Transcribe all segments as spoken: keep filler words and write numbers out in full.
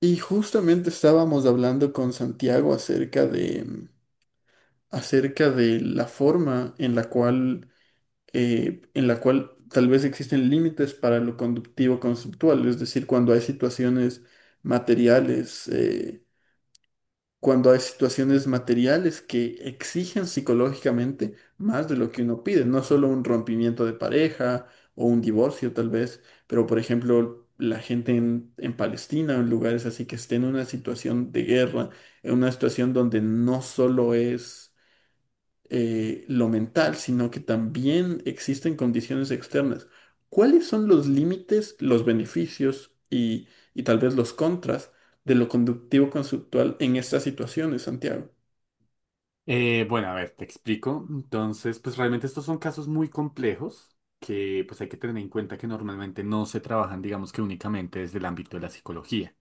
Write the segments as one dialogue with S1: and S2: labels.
S1: Y justamente estábamos hablando con Santiago acerca de, mm, acerca de la forma en la cual, eh, en la cual tal vez existen límites para lo conductivo conceptual, es decir, cuando hay situaciones materiales, eh, cuando hay situaciones materiales que exigen psicológicamente más de lo que uno pide, no solo un rompimiento de pareja o un divorcio tal vez, pero por ejemplo la gente en, en Palestina o en lugares así que esté en una situación de guerra, en una situación donde no solo es eh, lo mental, sino que también existen condiciones externas. ¿Cuáles son los límites, los beneficios y, y tal vez los contras de lo conductivo-conceptual en estas situaciones, Santiago?
S2: Eh, bueno, a ver, te explico. Entonces, pues realmente estos son casos muy complejos que pues hay que tener en cuenta que normalmente no se trabajan, digamos que únicamente desde el ámbito de la psicología.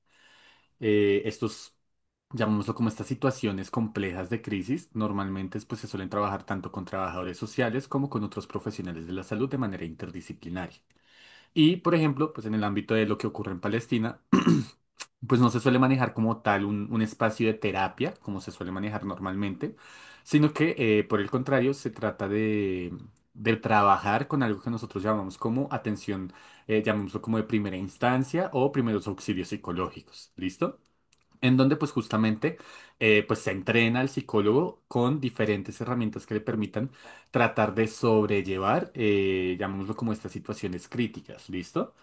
S2: Eh, estos, Llamémoslo como estas situaciones complejas de crisis, normalmente pues se suelen trabajar tanto con trabajadores sociales como con otros profesionales de la salud de manera interdisciplinaria. Y, por ejemplo, pues en el ámbito de lo que ocurre en Palestina, pues no se suele manejar como tal un, un espacio de terapia, como se suele manejar normalmente, sino que, eh, por el contrario, se trata de, de trabajar con algo que nosotros llamamos como atención, eh, llamémoslo como de primera instancia o primeros auxilios psicológicos. ¿Listo? En donde pues justamente eh, pues se entrena al psicólogo con diferentes herramientas que le permitan tratar de sobrellevar, eh, llamémoslo como estas situaciones críticas, ¿listo?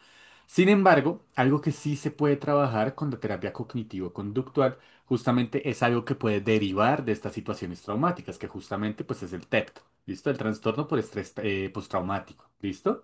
S2: Sin embargo, algo que sí se puede trabajar con la terapia cognitivo-conductual justamente es algo que puede derivar de estas situaciones traumáticas, que justamente pues es el T E P T, ¿listo? El trastorno por estrés eh, postraumático, ¿listo?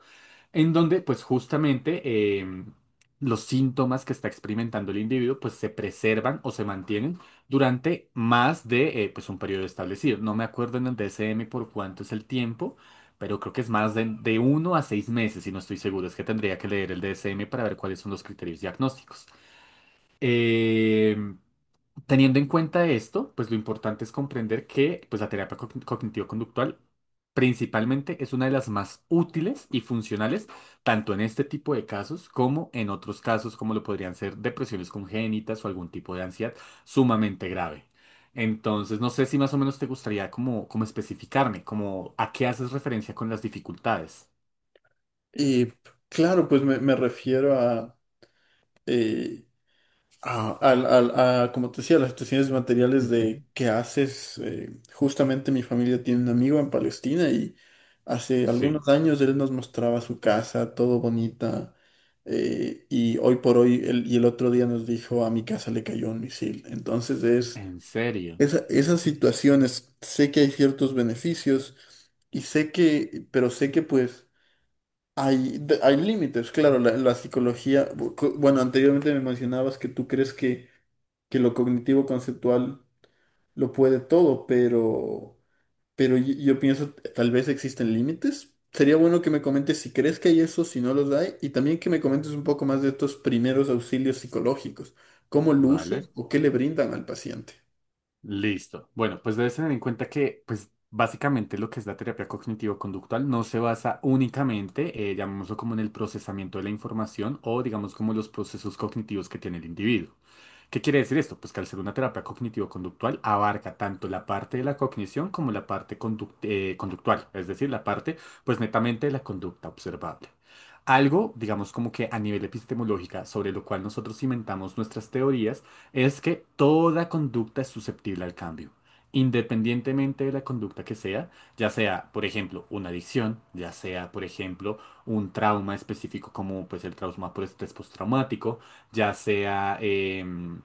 S2: En donde pues justamente em, los síntomas que está experimentando el individuo pues se preservan o se mantienen durante más de eh, pues un periodo establecido. No me acuerdo en el D S M por cuánto es el tiempo, pero creo que es más de, de uno a seis meses y no estoy seguro. Es que tendría que leer el D S M para ver cuáles son los criterios diagnósticos. Em, Teniendo en cuenta esto, pues lo importante es comprender que pues, la terapia cogn- cognitivo-conductual principalmente es una de las más útiles y funcionales, tanto en este tipo de casos como en otros casos, como lo podrían ser depresiones congénitas o algún tipo de ansiedad sumamente grave. Entonces, no sé si más o menos te gustaría como, como especificarme, como a qué haces referencia con las dificultades.
S1: Y claro, pues me, me refiero a a, al- al- a, como te decía, las situaciones de materiales de
S2: Ujú.
S1: qué haces. eh, justamente mi familia tiene un amigo en Palestina y hace
S2: Sí,
S1: algunos años él nos mostraba su casa, todo bonita. eh, y hoy por hoy, él- y el otro día nos dijo, a mi casa le cayó un misil. Entonces es,
S2: en serio.
S1: esa- esas situaciones, sé que hay ciertos beneficios y sé que, pero sé que pues. Hay, de- hay límites, claro, la, la psicología, bu- cu- bueno, anteriormente me mencionabas que tú crees que que lo cognitivo conceptual lo puede todo, pero, pero yo, yo pienso tal vez existen límites. Sería bueno que me comentes si crees que hay eso, si no los hay, y también que me comentes un poco más de estos primeros auxilios psicológicos, cómo lucen
S2: ¿Vale?
S1: o qué le brindan al paciente.
S2: Listo. Bueno, pues debes tener en cuenta que, pues, básicamente lo que es la terapia cognitivo-conductual no se basa únicamente, eh, llamémoslo como en el procesamiento de la información o, digamos, como los procesos cognitivos que tiene el individuo. ¿Qué quiere decir esto? Pues que al ser una terapia cognitivo-conductual abarca tanto la parte de la cognición como la parte conduct- eh, conductual, es decir, la parte, pues, netamente de la conducta observable. Algo, digamos, como que a nivel epistemológica, sobre lo cual nosotros cimentamos nuestras teorías, es que toda conducta es susceptible al cambio, independientemente de la conducta que sea, ya sea, por ejemplo, una adicción, ya sea, por ejemplo, un trauma específico como pues el trauma por estrés postraumático, ya sea, em,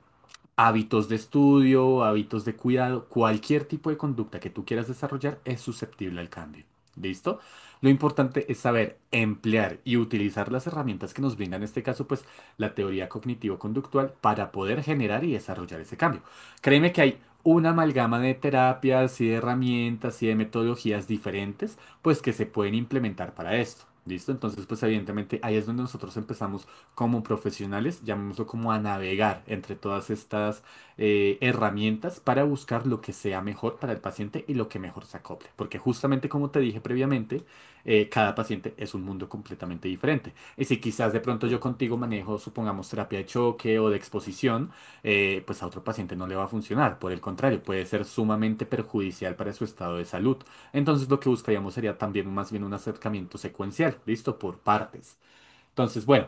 S2: Hábitos de estudio, hábitos de cuidado, cualquier tipo de conducta que tú quieras desarrollar es susceptible al cambio. ¿Listo? Lo importante es saber emplear y utilizar las herramientas que nos brinda en este caso, pues la teoría cognitivo-conductual para poder generar y desarrollar ese cambio. Créeme que hay una amalgama de terapias y de herramientas y de metodologías diferentes, pues que se pueden implementar para esto. ¿Listo? Entonces, pues evidentemente ahí es donde nosotros empezamos como profesionales, llamémoslo como a navegar entre todas estas eh, herramientas para buscar lo que sea mejor para el paciente y lo que mejor se acople. Porque justamente como te dije previamente, eh, cada paciente es un mundo completamente diferente. Y si quizás de pronto yo contigo manejo, supongamos, terapia de choque o de exposición, eh, pues a otro paciente no le va a funcionar. Por el contrario, puede ser sumamente perjudicial para su estado de salud. Entonces lo que buscaríamos sería también más bien un acercamiento secuencial, ¿listo? Por partes. Entonces, bueno,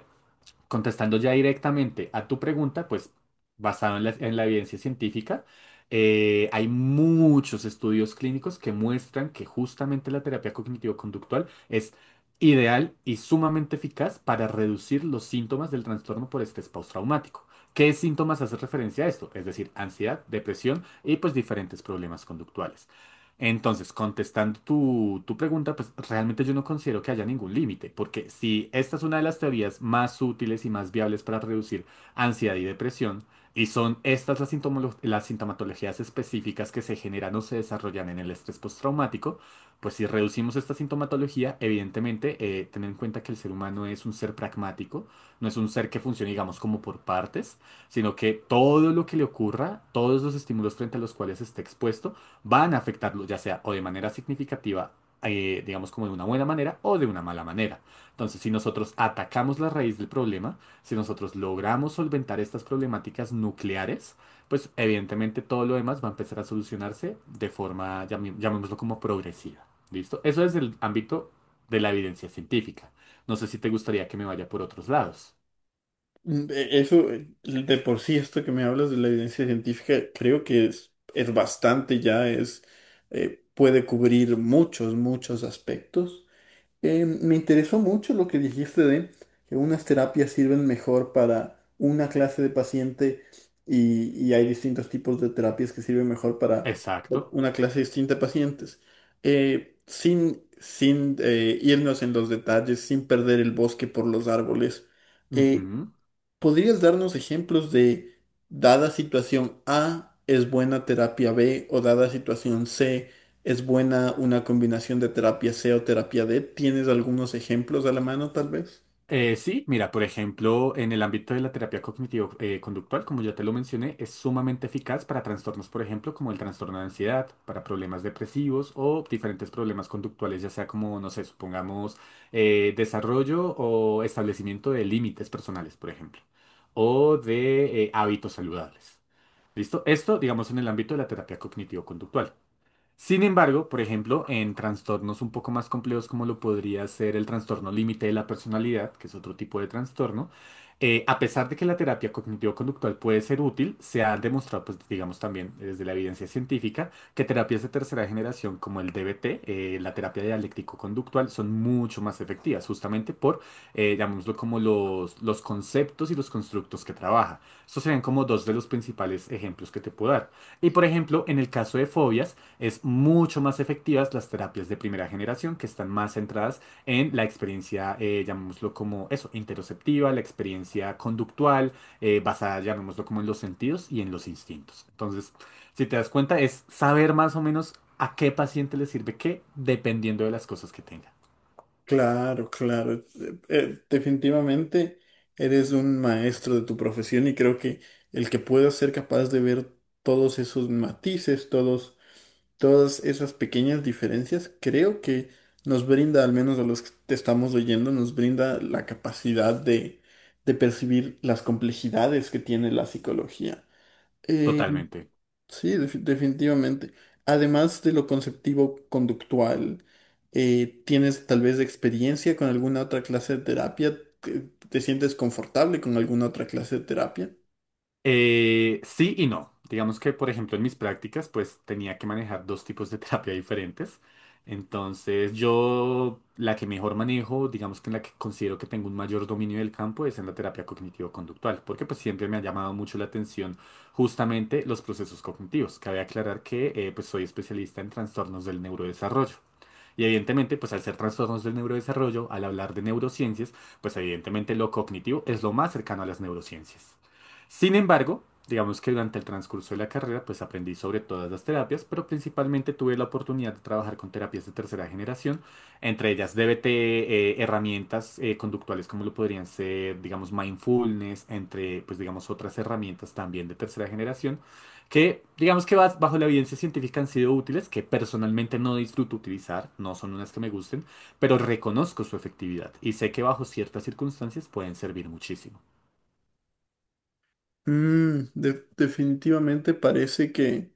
S2: contestando ya directamente a tu pregunta, pues basado en la, en la evidencia científica, eh, hay muchos estudios clínicos que muestran que justamente la terapia cognitivo-conductual es ideal y sumamente eficaz para reducir los síntomas del trastorno por estrés postraumático. ¿Qué síntomas hace referencia a esto? Es decir, ansiedad, depresión y pues diferentes problemas conductuales. Entonces, contestando tu, tu pregunta, pues realmente yo no considero que haya ningún límite, porque si esta es una de las teorías más útiles y más viables para reducir ansiedad y depresión, y son estas las, sintomolo- las sintomatologías específicas que se generan o se desarrollan en el estrés postraumático, pues si reducimos esta sintomatología, evidentemente, eh, ten en cuenta que el ser humano es un ser pragmático, no es un ser que funcione, digamos, como por partes, sino que todo lo que le ocurra, todos los estímulos frente a los cuales esté expuesto, van a afectarlo, ya sea o de manera significativa, eh, digamos como de una buena manera o de una mala manera. Entonces, si nosotros atacamos la raíz del problema, si nosotros logramos solventar estas problemáticas nucleares, pues evidentemente todo lo demás va a empezar a solucionarse de forma, llamé- llamémoslo como progresiva. ¿Listo? Eso es el ámbito de la evidencia científica. No sé si te gustaría que me vaya por otros lados.
S1: Mm, e- Eso, eh, de por sí, esto que me hablas de la evidencia científica, creo que es, es bastante ya, es, eh, puede cubrir muchos, muchos aspectos. Eh, me interesó mucho lo que dijiste de que unas terapias sirven mejor para una clase de paciente y, y hay distintos tipos de terapias que sirven mejor para
S2: Exacto.
S1: una clase distinta de pacientes. Eh, sin sin eh, irnos en los detalles, sin perder el bosque por los árboles. eh,
S2: Ujú.
S1: ¿Podrías darnos ejemplos de dada situación A es buena terapia B o dada situación C es buena una combinación de terapia C o terapia D? ¿Tienes algunos ejemplos a la mano, tal vez?
S2: Eh, sí, mira, por ejemplo, en el ámbito de la terapia cognitivo-conductual, como ya te lo mencioné, es sumamente eficaz para trastornos, por ejemplo, como el trastorno de ansiedad, para problemas depresivos o diferentes problemas conductuales, ya sea como, no sé, supongamos, eh, desarrollo o establecimiento de límites personales, por ejemplo, o de eh, hábitos saludables. ¿Listo? Esto, digamos, en el ámbito de la terapia cognitivo-conductual. Sin embargo, por ejemplo, en trastornos un poco más complejos como lo podría ser el trastorno límite de la personalidad, que es otro tipo de trastorno, eh, a pesar de que la terapia cognitivo-conductual puede ser útil, se ha demostrado, pues digamos también desde la evidencia científica, que terapias de tercera generación como el D B T, eh, la terapia dialéctico-conductual, son mucho más efectivas, justamente por, eh, llamémoslo como los, los conceptos y los constructos que trabaja. Estos serían como dos de los principales ejemplos que te puedo dar. Y por ejemplo, en el caso de fobias, es mucho más efectivas las terapias de primera generación que están más centradas en la experiencia, eh, llamémoslo como eso, interoceptiva, la experiencia conductual, eh, basada, llamémoslo como en los sentidos y en los instintos. Entonces, si te das cuenta, es saber más o menos a qué paciente le sirve qué, dependiendo de las cosas que tenga.
S1: Claro, claro. Eh, eh, definitivamente eres un maestro de tu profesión y creo que el que pueda ser capaz de ver todos esos matices, todos, todas esas pequeñas diferencias, creo que nos brinda, al menos a los que te estamos oyendo, nos brinda la capacidad de, de percibir las complejidades que tiene la psicología. Eh,
S2: Totalmente.
S1: Sí, defi- definitivamente. Además de lo conceptivo conductual, eh, ¿tienes tal vez experiencia con alguna otra clase de terapia? ¿Te, ¿te sientes confortable con alguna otra clase de terapia?
S2: Eh, sí y no. Digamos que, por ejemplo, en mis prácticas, pues tenía que manejar dos tipos de terapia diferentes. Entonces, yo la que mejor manejo, digamos que en la que considero que tengo un mayor dominio del campo, es en la terapia cognitivo-conductual, porque pues siempre me ha llamado mucho la atención justamente los procesos cognitivos. Cabe aclarar que eh, pues soy especialista en trastornos del neurodesarrollo. Y evidentemente, pues al ser trastornos del neurodesarrollo, al hablar de neurociencias, pues evidentemente lo cognitivo es lo más cercano a las neurociencias. Sin embargo, digamos que durante el transcurso de la carrera, pues aprendí sobre todas las terapias, pero principalmente tuve la oportunidad de trabajar con terapias de tercera generación, entre ellas D B T, eh, herramientas eh, conductuales como lo podrían ser, digamos, mindfulness, entre, pues digamos, otras herramientas también de tercera generación que digamos que bas- bajo la evidencia científica han sido útiles, que personalmente no disfruto utilizar, no son unas que me gusten, pero reconozco su efectividad y sé que bajo ciertas circunstancias pueden servir muchísimo.
S1: Mm, de- definitivamente parece que,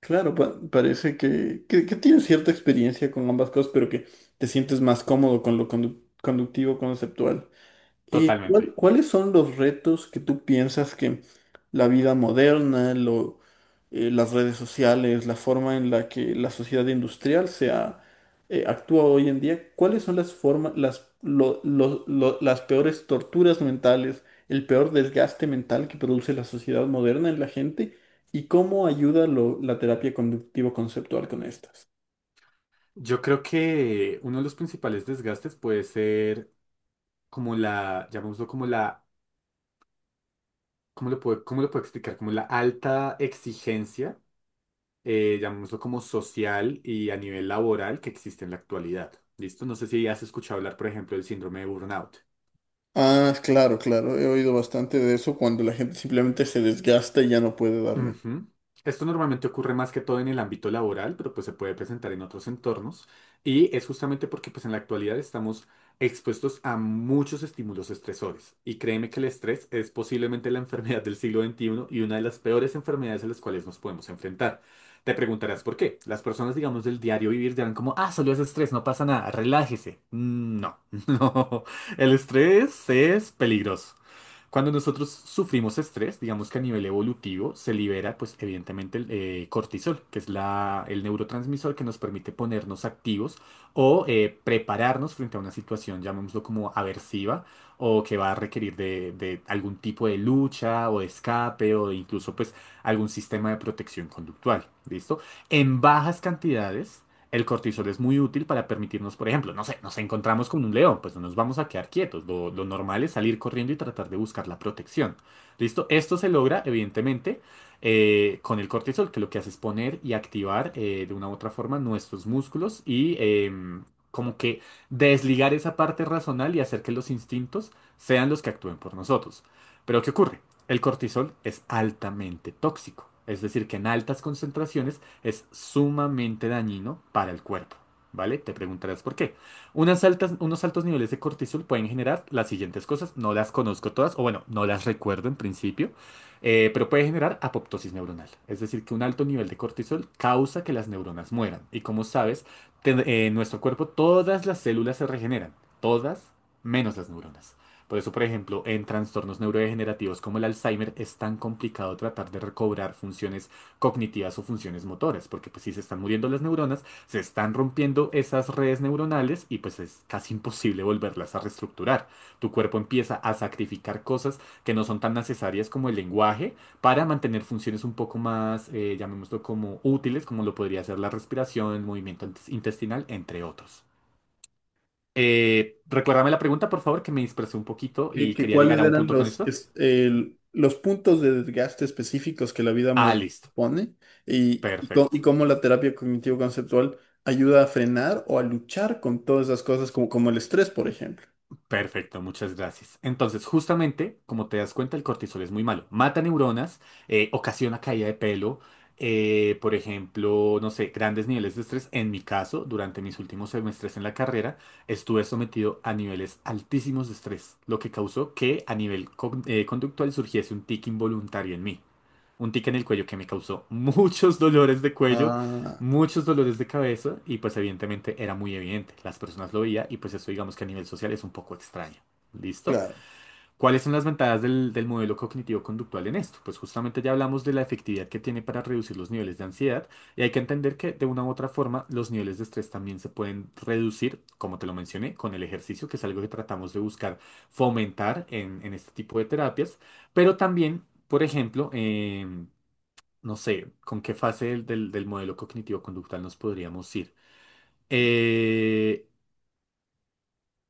S1: claro, pa- parece que, que, que tienes cierta experiencia con ambas cosas, pero que te sientes más cómodo con lo condu- conductivo conceptual. ¿Y cuál-
S2: Totalmente.
S1: cuáles son los retos que tú piensas que la vida moderna, lo, eh, las redes sociales, la forma en la que la sociedad industrial se ha, eh, actúa hoy en día, cuáles son las formas, las, lo- lo- lo- las peores torturas mentales, el peor desgaste mental que produce la sociedad moderna en la gente y cómo ayuda lo- la terapia conductivo-conceptual con estas?
S2: Yo creo que uno de los principales desgastes puede ser como la, llamémoslo como la, ¿cómo lo puedo, cómo lo puedo explicar? Como la alta exigencia, eh, llamémoslo como social y a nivel laboral que existe en la actualidad. ¿Listo? No sé si has escuchado hablar, por ejemplo, del síndrome de burnout.
S1: Ah, claro, claro, he oído bastante de eso cuando la gente simplemente se desgasta y ya no puede darle.
S2: Ujú. Esto normalmente ocurre más que todo en el ámbito laboral, pero pues se puede presentar en otros entornos y es justamente porque pues en la actualidad estamos expuestos a muchos estímulos estresores y créeme que el estrés es posiblemente la enfermedad del siglo veintiuno y una de las peores enfermedades a las cuales nos podemos enfrentar. Te preguntarás por qué. Las personas, digamos, del diario vivir dirán como, ah, solo es estrés, no pasa nada, relájese. Mm, No, no, el estrés es peligroso. Cuando nosotros sufrimos estrés, digamos que a nivel evolutivo se libera, pues evidentemente, el eh, cortisol, que es la, el neurotransmisor que nos permite ponernos activos o eh, prepararnos frente a una situación, llamémoslo como aversiva, o que va a requerir de, de algún tipo de lucha o de escape o de incluso pues algún sistema de protección conductual. ¿Listo? En bajas cantidades. El cortisol es muy útil para permitirnos, por ejemplo, no sé, nos encontramos con un león, pues no nos vamos a quedar quietos. Lo, lo normal es salir corriendo y tratar de buscar la protección. ¿Listo? Esto se logra, evidentemente, eh, con el cortisol, que lo que hace es poner y activar eh, de una u otra forma nuestros músculos y em, como que desligar esa parte racional y hacer que los instintos sean los que actúen por nosotros. Pero ¿qué ocurre? El cortisol es altamente tóxico. Es decir, que en altas concentraciones es sumamente dañino para el cuerpo. ¿Vale? Te preguntarás por qué. Unas altas, unos altos niveles de cortisol pueden generar las siguientes cosas. No las conozco todas, o bueno, no las recuerdo en principio, eh, pero puede generar apoptosis neuronal. Es decir, que un alto nivel de cortisol causa que las neuronas mueran. Y como sabes, ten- eh, en nuestro cuerpo todas las células se regeneran, todas menos las neuronas. Por eso, por ejemplo, en trastornos neurodegenerativos como el Alzheimer es tan complicado tratar de recobrar funciones cognitivas o funciones motoras, porque pues si se están muriendo las neuronas, se están rompiendo esas redes neuronales y pues es casi imposible volverlas a reestructurar. Tu cuerpo empieza a sacrificar cosas que no son tan necesarias como el lenguaje para mantener funciones un poco más, eh, llamémoslo como útiles, como lo podría ser la respiración, el movimiento intes- intestinal, entre otros. Eh, recuérdame la pregunta, por favor, que me dispersé un poquito
S1: ¿Qué-
S2: y
S1: qué-
S2: quería
S1: cuáles
S2: llegar a un
S1: eran
S2: punto con
S1: los,
S2: esto.
S1: es- el- los puntos de desgaste específicos que la vida
S2: Ah,
S1: moderna
S2: listo.
S1: pone y, y co-
S2: Perfecto.
S1: y cómo la terapia cognitivo-conceptual ayuda a frenar o a luchar con todas esas cosas como, como el estrés, por ejemplo?
S2: Perfecto, muchas gracias. Entonces, justamente, como te das cuenta, el cortisol es muy malo. Mata neuronas, eh, ocasiona caída de pelo, eh, por ejemplo, no sé, grandes niveles de estrés. En mi caso, durante mis últimos semestres en la carrera, estuve sometido a niveles altísimos de estrés, lo que causó que a nivel con- eh, conductual surgiese un tic involuntario en mí. Un tic en el cuello que me causó muchos dolores de cuello,
S1: Ah,
S2: muchos dolores de cabeza y pues evidentemente era muy evidente, las personas lo veían y pues eso digamos que a nivel social es un poco extraño. ¿Listo?
S1: claro.
S2: ¿Cuáles son las ventajas del, del modelo cognitivo-conductual en esto? Pues justamente ya hablamos de la efectividad que tiene para reducir los niveles de ansiedad y hay que entender que de una u otra forma los niveles de estrés también se pueden reducir, como te lo mencioné, con el ejercicio, que es algo que tratamos de buscar fomentar en, en este tipo de terapias, pero también, por ejemplo, em, no sé, con qué fase del, del- del modelo cognitivo-conductual nos podríamos ir. Eh,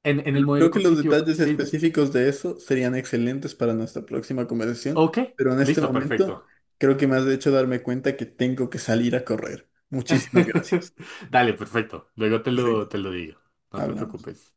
S2: en, en el
S1: Bueno, creo
S2: modelo
S1: que los
S2: cognitivo,
S1: detalles
S2: sí,
S1: específicos de eso serían excelentes para nuestra próxima conversación,
S2: ok,
S1: pero en este
S2: listo,
S1: momento
S2: perfecto.
S1: creo que me has hecho darme cuenta que tengo que salir a correr. Muchísimas gracias.
S2: Dale, perfecto. Luego te
S1: Perfecto,
S2: lo, te lo digo. No te
S1: hablamos.
S2: preocupes.